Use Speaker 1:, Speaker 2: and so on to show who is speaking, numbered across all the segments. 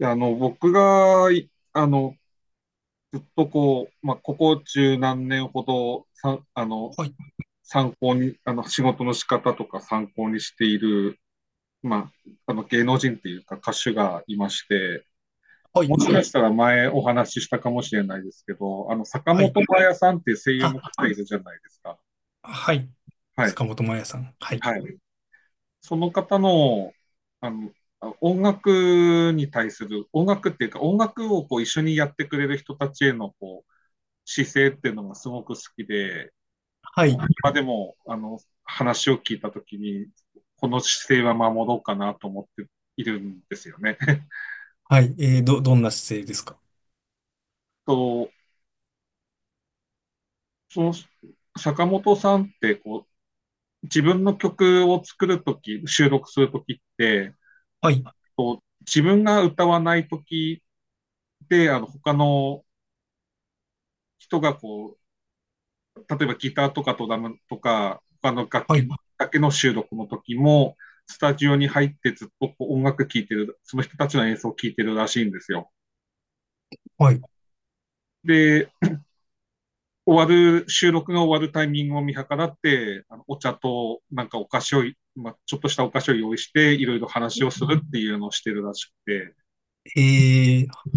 Speaker 1: いや、あの、僕が、いあの、ずっとこう、ここ中何年ほど、さん、あの、
Speaker 2: はい、
Speaker 1: 仕事の仕方とか参考にしている、まあ、芸能人っていうか歌手がいまして、
Speaker 2: はい、
Speaker 1: もしかしたら前お話ししたかもしれないですけど、坂
Speaker 2: はい。
Speaker 1: 本真綾さんっていう声優の
Speaker 2: あ、
Speaker 1: 方いるじゃないですか。
Speaker 2: はい。
Speaker 1: はい。
Speaker 2: 坂本真綾さん。はい、
Speaker 1: はい。その方の、あの、音楽に対する、音楽っていうか、音楽をこう一緒にやってくれる人たちへのこう姿勢っていうのがすごく好きで、
Speaker 2: はい、
Speaker 1: 今でも、話を聞いたときに、この姿勢は守ろうかなと思っているんですよね。
Speaker 2: はい。どんな姿勢ですか？
Speaker 1: と、その、坂本さんって、こう、自分の曲を作るとき、収録するときって、
Speaker 2: はい、
Speaker 1: こう、自分が歌わないときで、他の人がこう、例えばギターとかドラムとか、他の楽
Speaker 2: は
Speaker 1: 器
Speaker 2: い、
Speaker 1: だけの収録の時も、スタジオに入ってずっとこう音楽聴いてる、その人たちの演奏を聴いてるらしいんですよ。
Speaker 2: はい。
Speaker 1: で、終わる、収録が終わるタイミングを見計らって、あのお茶となんかお菓子を、ちょっとしたお菓子を用意して、いろいろ話をするっていうのをしてるらしくて、
Speaker 2: えー、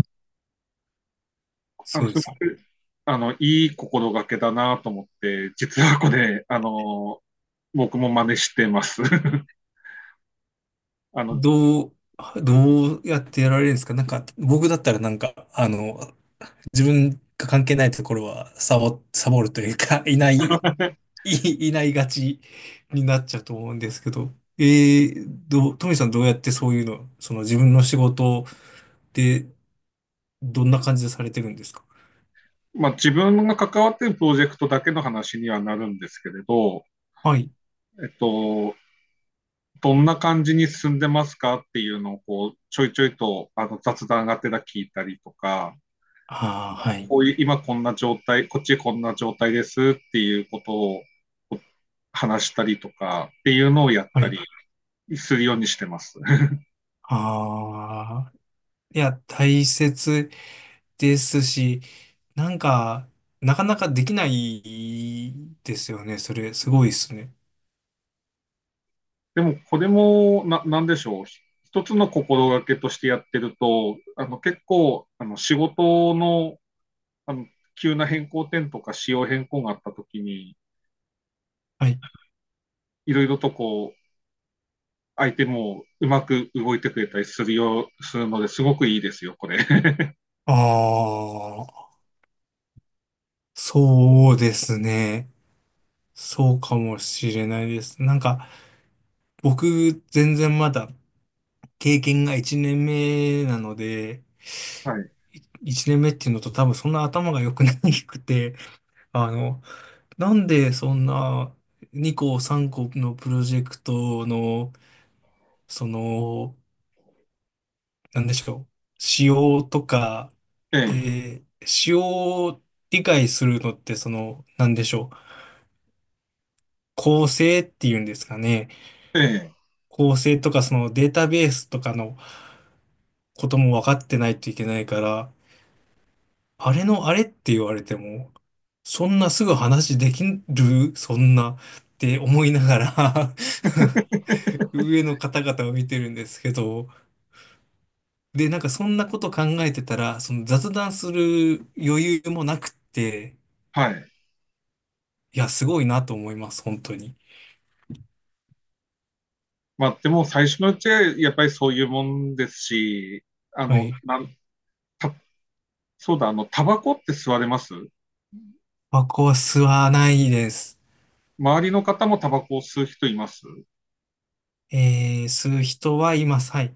Speaker 1: あ
Speaker 2: そ
Speaker 1: の
Speaker 2: う
Speaker 1: す
Speaker 2: で
Speaker 1: ご
Speaker 2: すね。
Speaker 1: くあのいい心がけだなと思って、実はこれ、あの僕も真似してます。 あの。
Speaker 2: どう、どうやってやられるんですか？僕だったら自分が関係ないところはサボるというか、いないがちになっちゃうと思うんですけど、えー、どう、トミさんどうやってそういうの、その自分の仕事で、どんな感じでされてるんですか？
Speaker 1: まあ、自分が関わっているプロジェクトだけの話にはなるんですけれど、
Speaker 2: はい。
Speaker 1: えっと、どんな感じに進んでますかっていうのをこうちょいちょいとあの雑談がてら聞いたりとか、
Speaker 2: ああ、
Speaker 1: あの
Speaker 2: はい。
Speaker 1: こういう今こんな状態、こっちこんな状態ですっていうことを話したりとかっていうのをやっ
Speaker 2: は
Speaker 1: た
Speaker 2: い。
Speaker 1: りするようにしてます。
Speaker 2: ああ、いや、大切ですし、なんか、なかなかできないですよね。それ、すごいですね。
Speaker 1: でもこれもなんでしょう。一つの心がけとしてやってると、あの結構あの仕事のあの、急な変更点とか仕様変更があったときに、
Speaker 2: はい。
Speaker 1: いろいろとこう、相手もうまく動いてくれたりするよう、するので、すごくいいですよ、これ。
Speaker 2: ああ、そうですね。そうかもしれないです。なんか、僕、全然まだ経験が1年目なので、
Speaker 1: はい。
Speaker 2: い1年目っていうのと、多分そんな頭が良くなくて、あの、なんでそんな2個3個のプロジェクトの、その、なんでしょう、仕様とか、
Speaker 1: え
Speaker 2: で、仕様を理解するのって、その、なんでしょう、構成っていうんですかね。
Speaker 1: え、ええ。
Speaker 2: 構成とか、そのデータベースとかのことも分かってないといけないから、あれのあれって言われても、そんなすぐ話できるそんなって思いながら、 上の方々を見てるんですけど、で、なんかそんなこと考えてたら、その雑談する余裕もなくって、
Speaker 1: はい。
Speaker 2: いや、すごいなと思います、本当に。
Speaker 1: まあ、でも最初のうちはやっぱりそういうもんですし、あ
Speaker 2: は
Speaker 1: の、
Speaker 2: い。
Speaker 1: なんたそうだ、タバコって吸われます？
Speaker 2: タコは吸わないです。
Speaker 1: 周りの方もタバコを吸う人います？
Speaker 2: えー、吸う人はいます。はい。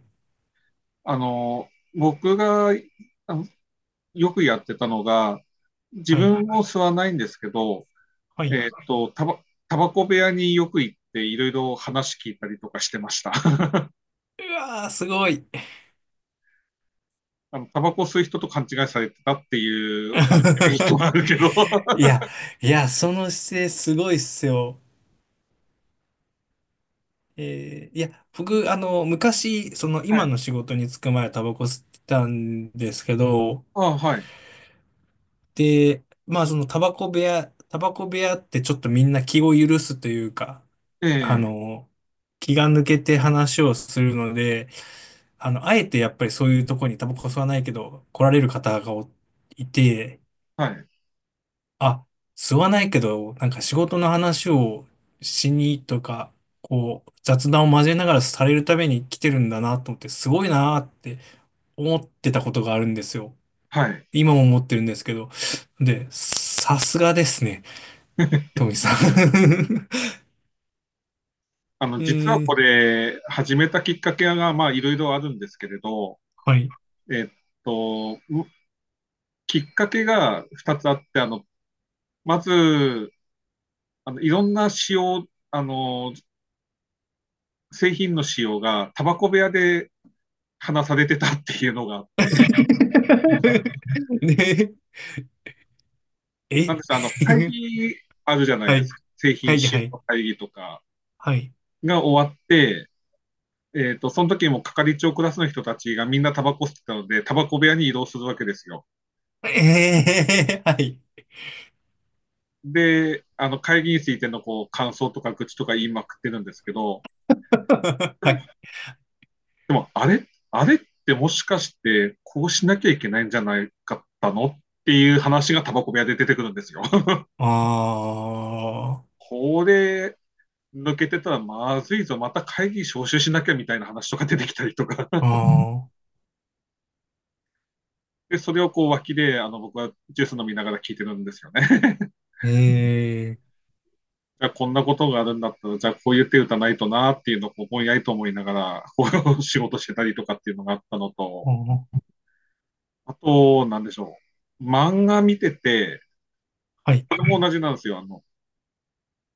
Speaker 1: あの、僕があのよくやってたのが、自
Speaker 2: はい。
Speaker 1: 分も吸わないんですけど、
Speaker 2: はい。
Speaker 1: えーっと、タバ、タバコ部屋によく行っていろいろ話聞いたりとかしてました。
Speaker 2: うわー、すごい。
Speaker 1: あの、タバコ吸う人と勘違いされてたっていう、あの、メリット があるけど。
Speaker 2: いや、いや、その姿勢すごいっすよ。いや、僕、あの、昔、その
Speaker 1: は
Speaker 2: 今
Speaker 1: い。
Speaker 2: の仕事に就く前はタバコ吸ってたんですけど、
Speaker 1: あ、はい。
Speaker 2: で、まあそのタバコ部屋ってちょっとみんな気を許すというか、
Speaker 1: え
Speaker 2: あ
Speaker 1: え、
Speaker 2: の、気が抜けて話をするので、あの、あえてやっぱりそういうとこにタバコ吸わないけど来られる方がおいて、
Speaker 1: はい。
Speaker 2: あ、吸わないけど、なんか仕事の話をしにとか、こう、雑談を交えながらされるために来てるんだなと思って、すごいなって思ってたことがあるんですよ。
Speaker 1: はい。
Speaker 2: 今も思ってるんですけど。で、さすがですね、トミさん。 え
Speaker 1: 実はこ
Speaker 2: ー、
Speaker 1: れ、始めたきっかけが、まあ、いろいろあるんですけれど、
Speaker 2: はい。
Speaker 1: えっと、うきっかけが2つあって、まず、あの、いろんな使用、あの、製品の使用が、タバコ部屋で話されてたっていうのがあって。
Speaker 2: ね、
Speaker 1: な
Speaker 2: え。
Speaker 1: んですか、あの、会 議あるじゃない
Speaker 2: は
Speaker 1: です
Speaker 2: い。
Speaker 1: か。製品
Speaker 2: 会議、
Speaker 1: 使
Speaker 2: はい。
Speaker 1: 用の会議とか
Speaker 2: はい。
Speaker 1: が終わって、えっと、その時も係長クラスの人たちがみんなタバコ吸ってたので、タバコ部屋に移動するわけですよ。
Speaker 2: えー、はい。
Speaker 1: で、会議についてのこう、感想とか愚痴とか言いまくってるんですけど、で
Speaker 2: は
Speaker 1: も、
Speaker 2: い。
Speaker 1: でもあれってもしかして、こうしなきゃいけないんじゃないかったのっていう話がタバコ部屋で出てくるんですよ。
Speaker 2: あー、
Speaker 1: これ、抜けてたらまずいぞ、また会議招集しなきゃみたいな話とか出てきたりとか。
Speaker 2: あ
Speaker 1: で、それをこう脇で、あの、僕はジュース飲みながら聞いてるんですよね。
Speaker 2: ー、え
Speaker 1: じゃあ、こんなことがあるんだったら、じゃあ、こういう手打たないとなっていうのを、こう、ぼんやりと思いながら、こう、仕事してたりとかっていうのがあったの
Speaker 2: ー、
Speaker 1: と、
Speaker 2: あー、
Speaker 1: あと、なんでしょう。漫画見てて、
Speaker 2: はい、
Speaker 1: これも同じなんですよ。あの、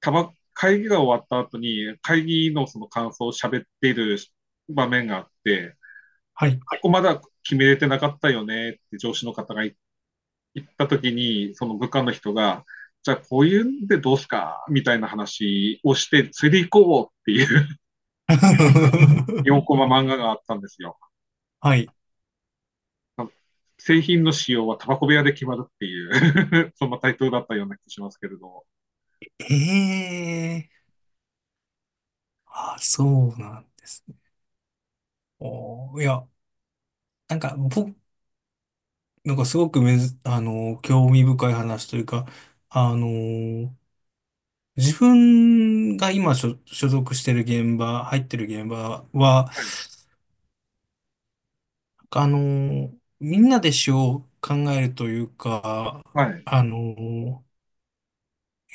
Speaker 1: たば、会議が終わった後に、会議のその感想を喋っている場面があって、
Speaker 2: はい。
Speaker 1: ここまだ決めれてなかったよねって上司の方が行った時に、その部下の人が、じゃあこういうんでどうすかみたいな話をして、釣り行こうっていう4コ マ漫画があったんですよ。
Speaker 2: はい。
Speaker 1: 製品の仕様はタバコ部屋で決まるっていう、 そんなタイトルだったような気がしますけれど。
Speaker 2: えー、あ、そうなんですね。おー、いや、なんか、僕、なんかすごくめず、あのー興味深い話というか、あのー自分が所属してる現場、入ってる現場は、あの、みんなで詩を考えるというか、
Speaker 1: はい。はい。
Speaker 2: あの、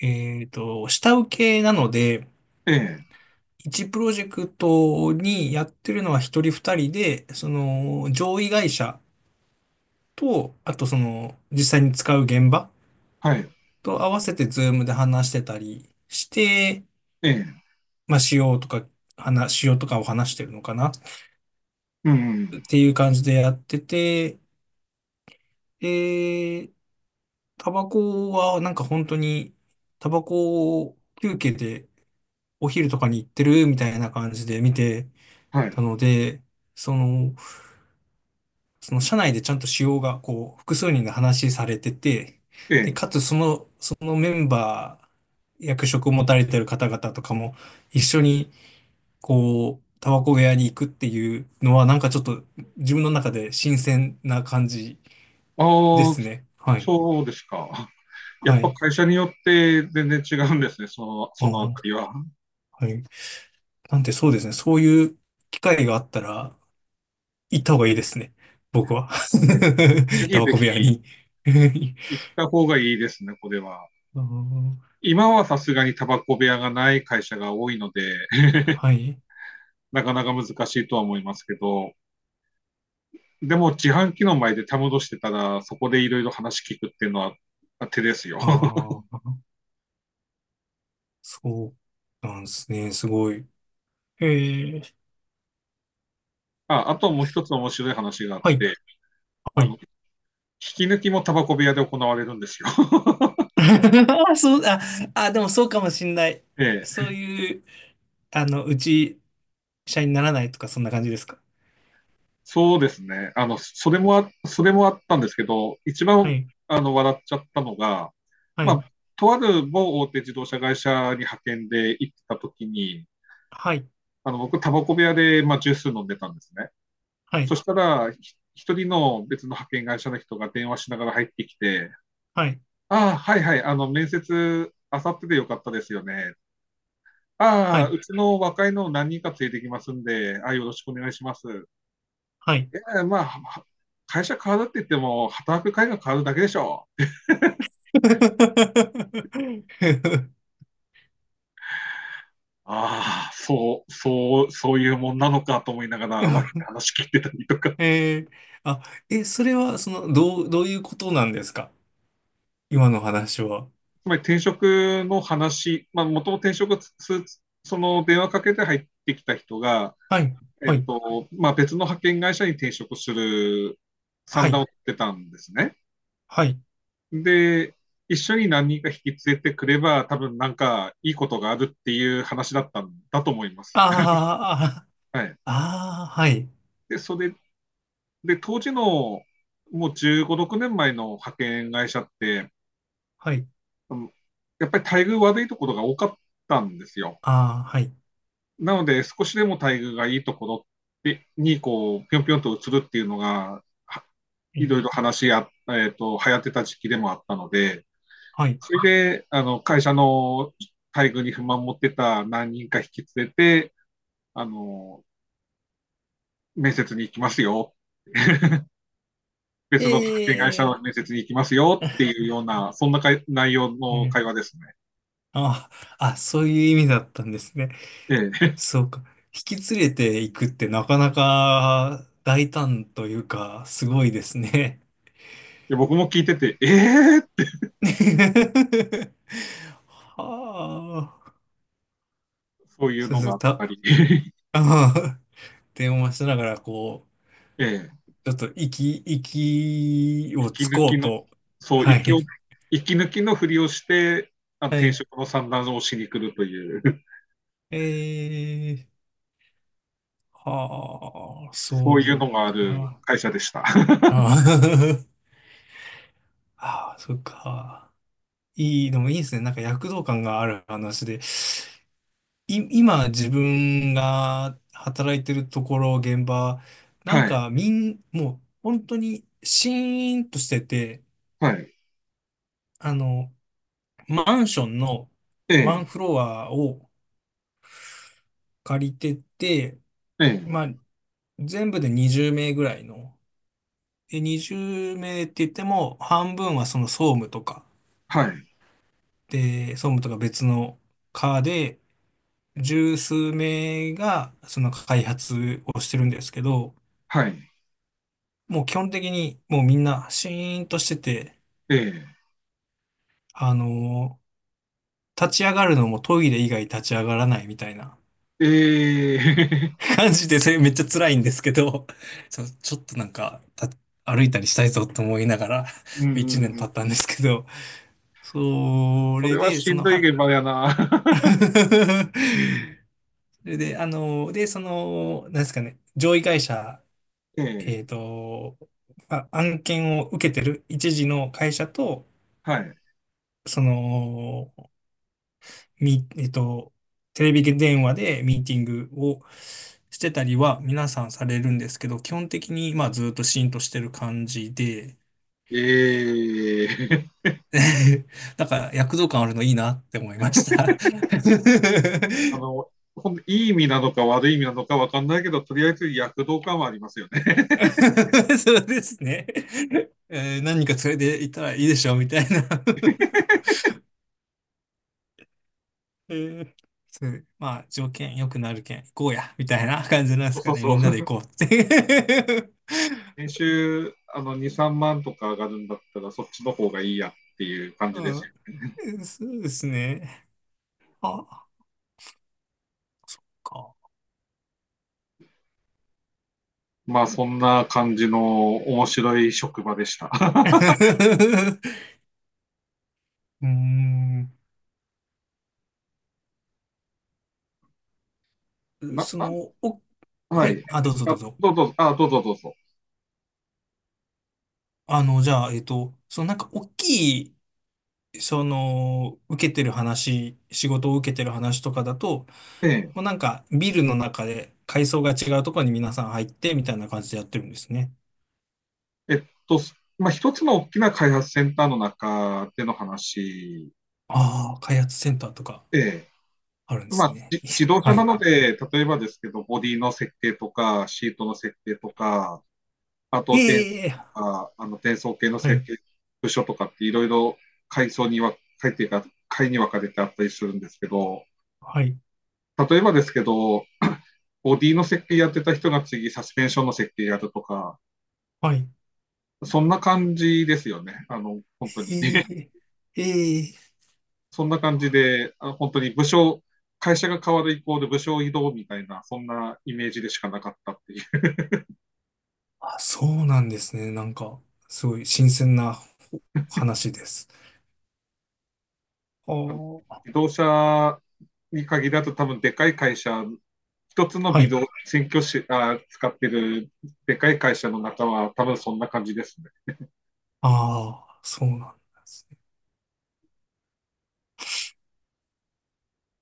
Speaker 2: えっと、下請けなので、
Speaker 1: ええ。
Speaker 2: 一プロジェクトにやってるのは一人二人で、その上位会社と、あとその実際に使う現場
Speaker 1: はい。
Speaker 2: と合わせてズームで話してたりして、
Speaker 1: ええ。
Speaker 2: まあ、仕様とか、仕様とかを話してるのかな、
Speaker 1: うん。
Speaker 2: っていう感じでやってて、で、タバコはなんか本当に、タバコを休憩でお昼とかに行ってるみたいな感じで見て
Speaker 1: は
Speaker 2: た
Speaker 1: い。
Speaker 2: ので、その、その社内でちゃんと使用がこう複数人が話されてて、
Speaker 1: え
Speaker 2: で、
Speaker 1: え。
Speaker 2: かつその、そのメンバー、役職を持たれてる方々とかも一緒にこう、タバコ部屋に行くっていうのはなんかちょっと自分の中で新鮮な感じで
Speaker 1: ああ、
Speaker 2: すね。はい。
Speaker 1: そうですか。や
Speaker 2: は
Speaker 1: っぱ
Speaker 2: い。
Speaker 1: 会社によって全然違うんですね、
Speaker 2: う
Speaker 1: そのあた
Speaker 2: ん、
Speaker 1: りは。
Speaker 2: はい。なんでそうですね。そういう機会があったら、行った方がいいですね、僕は。
Speaker 1: ぜ
Speaker 2: タ
Speaker 1: ひ
Speaker 2: バ
Speaker 1: ぜ
Speaker 2: コ
Speaker 1: ひ
Speaker 2: 部屋に。
Speaker 1: 行った方がいいですね、これは。
Speaker 2: あー、
Speaker 1: 今はさすがにタバコ部屋がない会社が多いので、
Speaker 2: はい。
Speaker 1: なかなか難しいとは思いますけど、でも自販機の前でたむろしてたら、そこでいろいろ話聞くっていうのは手ですよ。
Speaker 2: ああ、そうなんですね。すごい。ええ、
Speaker 1: ああ、ともう一つ面白い話があっ
Speaker 2: はい、
Speaker 1: て、
Speaker 2: は
Speaker 1: あの、引
Speaker 2: い。
Speaker 1: き抜きもタバコ部屋で行われるんですよ。
Speaker 2: そう、あ、でもそうかもしんない。
Speaker 1: え
Speaker 2: そ
Speaker 1: え、
Speaker 2: ういう、あの、うち、社員にならないとか、そんな感じですか？
Speaker 1: そうですね。あの、それもあったんですけど、一
Speaker 2: は
Speaker 1: 番、
Speaker 2: い、
Speaker 1: あの、笑っちゃったのが、
Speaker 2: は
Speaker 1: ま
Speaker 2: い、
Speaker 1: あ、とある某大手自動車会社に派遣で行ってた時に、
Speaker 2: はい、
Speaker 1: あの僕、タバコ部屋で、まあ、ジュース飲んでたんですね。
Speaker 2: は
Speaker 1: そし
Speaker 2: い、
Speaker 1: たら、一人の別の派遣会社の人が電話しながら入ってきて、
Speaker 2: はい、
Speaker 1: ああ、はいはい、あの、面接、あさってでよかったですよね。
Speaker 2: は
Speaker 1: ああ、
Speaker 2: い。
Speaker 1: うちの若いのを何人か連れてきますんで、ああ、よろしくお願いします。
Speaker 2: はい。
Speaker 1: えーまあ、は会社変わるって言っても、働く会が変わるだけでしょう。ああ、そういうもんなのかと思いながら、話聞いてたりとか。
Speaker 2: えー、あ、え、それは、その、どういうことなんですか、今の話は。
Speaker 1: つまり転職の話、まあ、元と転職す、その電話かけて入ってきた人が、
Speaker 2: はい、はい、
Speaker 1: 別の派遣会社に転職する
Speaker 2: は
Speaker 1: 算段を
Speaker 2: い、
Speaker 1: 取ってたんですね。
Speaker 2: はい。
Speaker 1: で、一緒に何人か引き連れてくれば、多分なんかいいことがあるっていう話だったんだと思います。
Speaker 2: あ
Speaker 1: はい。
Speaker 2: あ、ああ、はい、
Speaker 1: で、それで、当時のもう15、6年前の派遣会社って、
Speaker 2: はい、
Speaker 1: やっぱり待遇悪いところが多かったんですよ。
Speaker 2: ああ、はい、
Speaker 1: なので、少しでも待遇がいいところに、こう、ぴょんぴょんと移るっていうのが、いろいろ話や、えっと、流行ってた時期でもあったので、
Speaker 2: はい。
Speaker 1: それで、あの、会社の待遇に不満持ってた何人か引き連れて、あの、面接に行きますよ。別の派遣会
Speaker 2: え
Speaker 1: 社の面接に行きますよっていうような、そんなかい内容
Speaker 2: ええ
Speaker 1: の
Speaker 2: ー、
Speaker 1: 会話ですね。
Speaker 2: ああ、あ、そういう意味だったんですね。
Speaker 1: ええ。
Speaker 2: そうか。引き連れていくってなかなか大胆というか、すごいですね。
Speaker 1: で僕も聞いてて、ええ
Speaker 2: はあ。
Speaker 1: そういう
Speaker 2: そう
Speaker 1: の
Speaker 2: す
Speaker 1: が
Speaker 2: ね
Speaker 1: あっ
Speaker 2: た、
Speaker 1: たり、
Speaker 2: ああ電話しながら、こ
Speaker 1: ええ
Speaker 2: う、ちょっと息を
Speaker 1: 息
Speaker 2: つ
Speaker 1: 抜
Speaker 2: こ
Speaker 1: き
Speaker 2: う
Speaker 1: の、
Speaker 2: と。
Speaker 1: そう、
Speaker 2: は
Speaker 1: 息
Speaker 2: い。
Speaker 1: を、息抜きのふりをして、あの
Speaker 2: は
Speaker 1: 転
Speaker 2: い。
Speaker 1: 職の算段をしに来るという、
Speaker 2: えー、はあ、そ
Speaker 1: そういうの
Speaker 2: う
Speaker 1: がある
Speaker 2: か。
Speaker 1: 会社でした。
Speaker 2: ああ。 ああ、そっか。いい、でもいいですね。なんか躍動感がある話で。今自分が働いてるところ、現場、な
Speaker 1: は
Speaker 2: ん
Speaker 1: い、
Speaker 2: かもう本当にシーンとしてて、
Speaker 1: はい、
Speaker 2: あの、マンションの
Speaker 1: え
Speaker 2: ワン
Speaker 1: え、
Speaker 2: フロアを借りてて、
Speaker 1: え
Speaker 2: ま
Speaker 1: え、
Speaker 2: あ、全部で20名ぐらいの、で、20名って言っても、半分はその総務とか、
Speaker 1: はい、
Speaker 2: で、総務とか別の課で、十数名がその開発をしてるんですけど、
Speaker 1: はい、
Speaker 2: もう基本的にもうみんなシーンとしてて、
Speaker 1: え
Speaker 2: あのー立ち上がるのもトイレ以外立ち上がらないみたいな、
Speaker 1: え、え え、
Speaker 2: 感じで、それめっちゃ辛いんですけど、ちょっとなんか、歩いたりしたいぞと思いながら、
Speaker 1: うん
Speaker 2: 1年経った
Speaker 1: う
Speaker 2: ん
Speaker 1: ん、
Speaker 2: ですけど、そ
Speaker 1: そ
Speaker 2: れ
Speaker 1: れは
Speaker 2: で、
Speaker 1: し
Speaker 2: そ
Speaker 1: ん
Speaker 2: の、
Speaker 1: どい
Speaker 2: は、
Speaker 1: 現場やな。
Speaker 2: それで、あのーで、その、なんですかね、上位会社、
Speaker 1: え
Speaker 2: え
Speaker 1: え、
Speaker 2: っと、まあ、案件を受けてる一時の会社と、
Speaker 1: はい、
Speaker 2: その、えっと、テレビ電話でミーティングをしてたりは皆さんされるんですけど、基本的にまあずっとシーンとしてる感じで、
Speaker 1: ええ、
Speaker 2: なんか躍動感あるのいいなって思いました。
Speaker 1: いい意味なのか悪い意味なのか分かんないけど、とりあえず躍動感はありますよね。
Speaker 2: そうですね。えー何人か連れて行ったらいいでしょみたいな。 えー、そう、まあ条件良くなるけん行こうやみたいな、 感じなんで す
Speaker 1: そ
Speaker 2: か
Speaker 1: う
Speaker 2: ね。
Speaker 1: そ
Speaker 2: み
Speaker 1: う
Speaker 2: ん
Speaker 1: そ
Speaker 2: なで
Speaker 1: う。
Speaker 2: 行こうって。
Speaker 1: 年 収あの2、3万とか上がるんだったら、そっちの方がいいやっていう感じ
Speaker 2: う
Speaker 1: です。
Speaker 2: ん、そうですね。ああ、か。
Speaker 1: まあ、そんな感じの面白い職場でした。
Speaker 2: うーん。
Speaker 1: な
Speaker 2: そ
Speaker 1: な
Speaker 2: の、お、は
Speaker 1: はい。
Speaker 2: い。あ、どうぞ
Speaker 1: あ。
Speaker 2: どうぞ。
Speaker 1: どうぞ、どうぞ。
Speaker 2: あの、じゃあ、えっと、そのなんか大きい、その、受けてる話、仕事を受けてる話とかだと、
Speaker 1: え
Speaker 2: もう
Speaker 1: え、
Speaker 2: なんかビルの中で階層が違うところに皆さん入ってみたいな感じでやってるんですね。
Speaker 1: えっと、まあ、一つの大きな開発センターの中での話、
Speaker 2: ああ、開発センターとか
Speaker 1: ええ、
Speaker 2: あるんで
Speaker 1: ま
Speaker 2: す
Speaker 1: あ、
Speaker 2: ね。
Speaker 1: 自 動車
Speaker 2: は
Speaker 1: な
Speaker 2: い。
Speaker 1: ので、例えばですけど、ボディの設計とか、シートの設計とか、あと、
Speaker 2: ええ、
Speaker 1: か、あの、転送系の
Speaker 2: は
Speaker 1: 設
Speaker 2: い。
Speaker 1: 計、部署とかっていろいろ階層には、階っていうか、階に分かれてあったりするんですけど、
Speaker 2: はい。
Speaker 1: 例えばですけど、ボディの設計やってた人が次、サスペンションの設計やるとか、
Speaker 2: はい。
Speaker 1: そんな感じですよね。あの、本当に。
Speaker 2: ええええ、
Speaker 1: そんな感じで、あの本当に部署、会社が変わる以降で部署移動みたいな、そんなイメージでしかなかったっていう。
Speaker 2: そうなんですね。なんか、すごい新鮮な話です。あ
Speaker 1: あの
Speaker 2: ー、
Speaker 1: 自動車に限らず多分でかい会社、一つの
Speaker 2: は
Speaker 1: ビデ
Speaker 2: い。
Speaker 1: オ、新居しあ使ってるでかい会社の中は多分そんな感じですね。
Speaker 2: ああ、そうなんですね。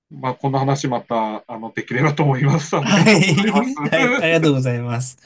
Speaker 1: まあ、この話またあのできればと思います。あり
Speaker 2: は
Speaker 1: がとうございます。
Speaker 2: い。はい。あり がとうございます。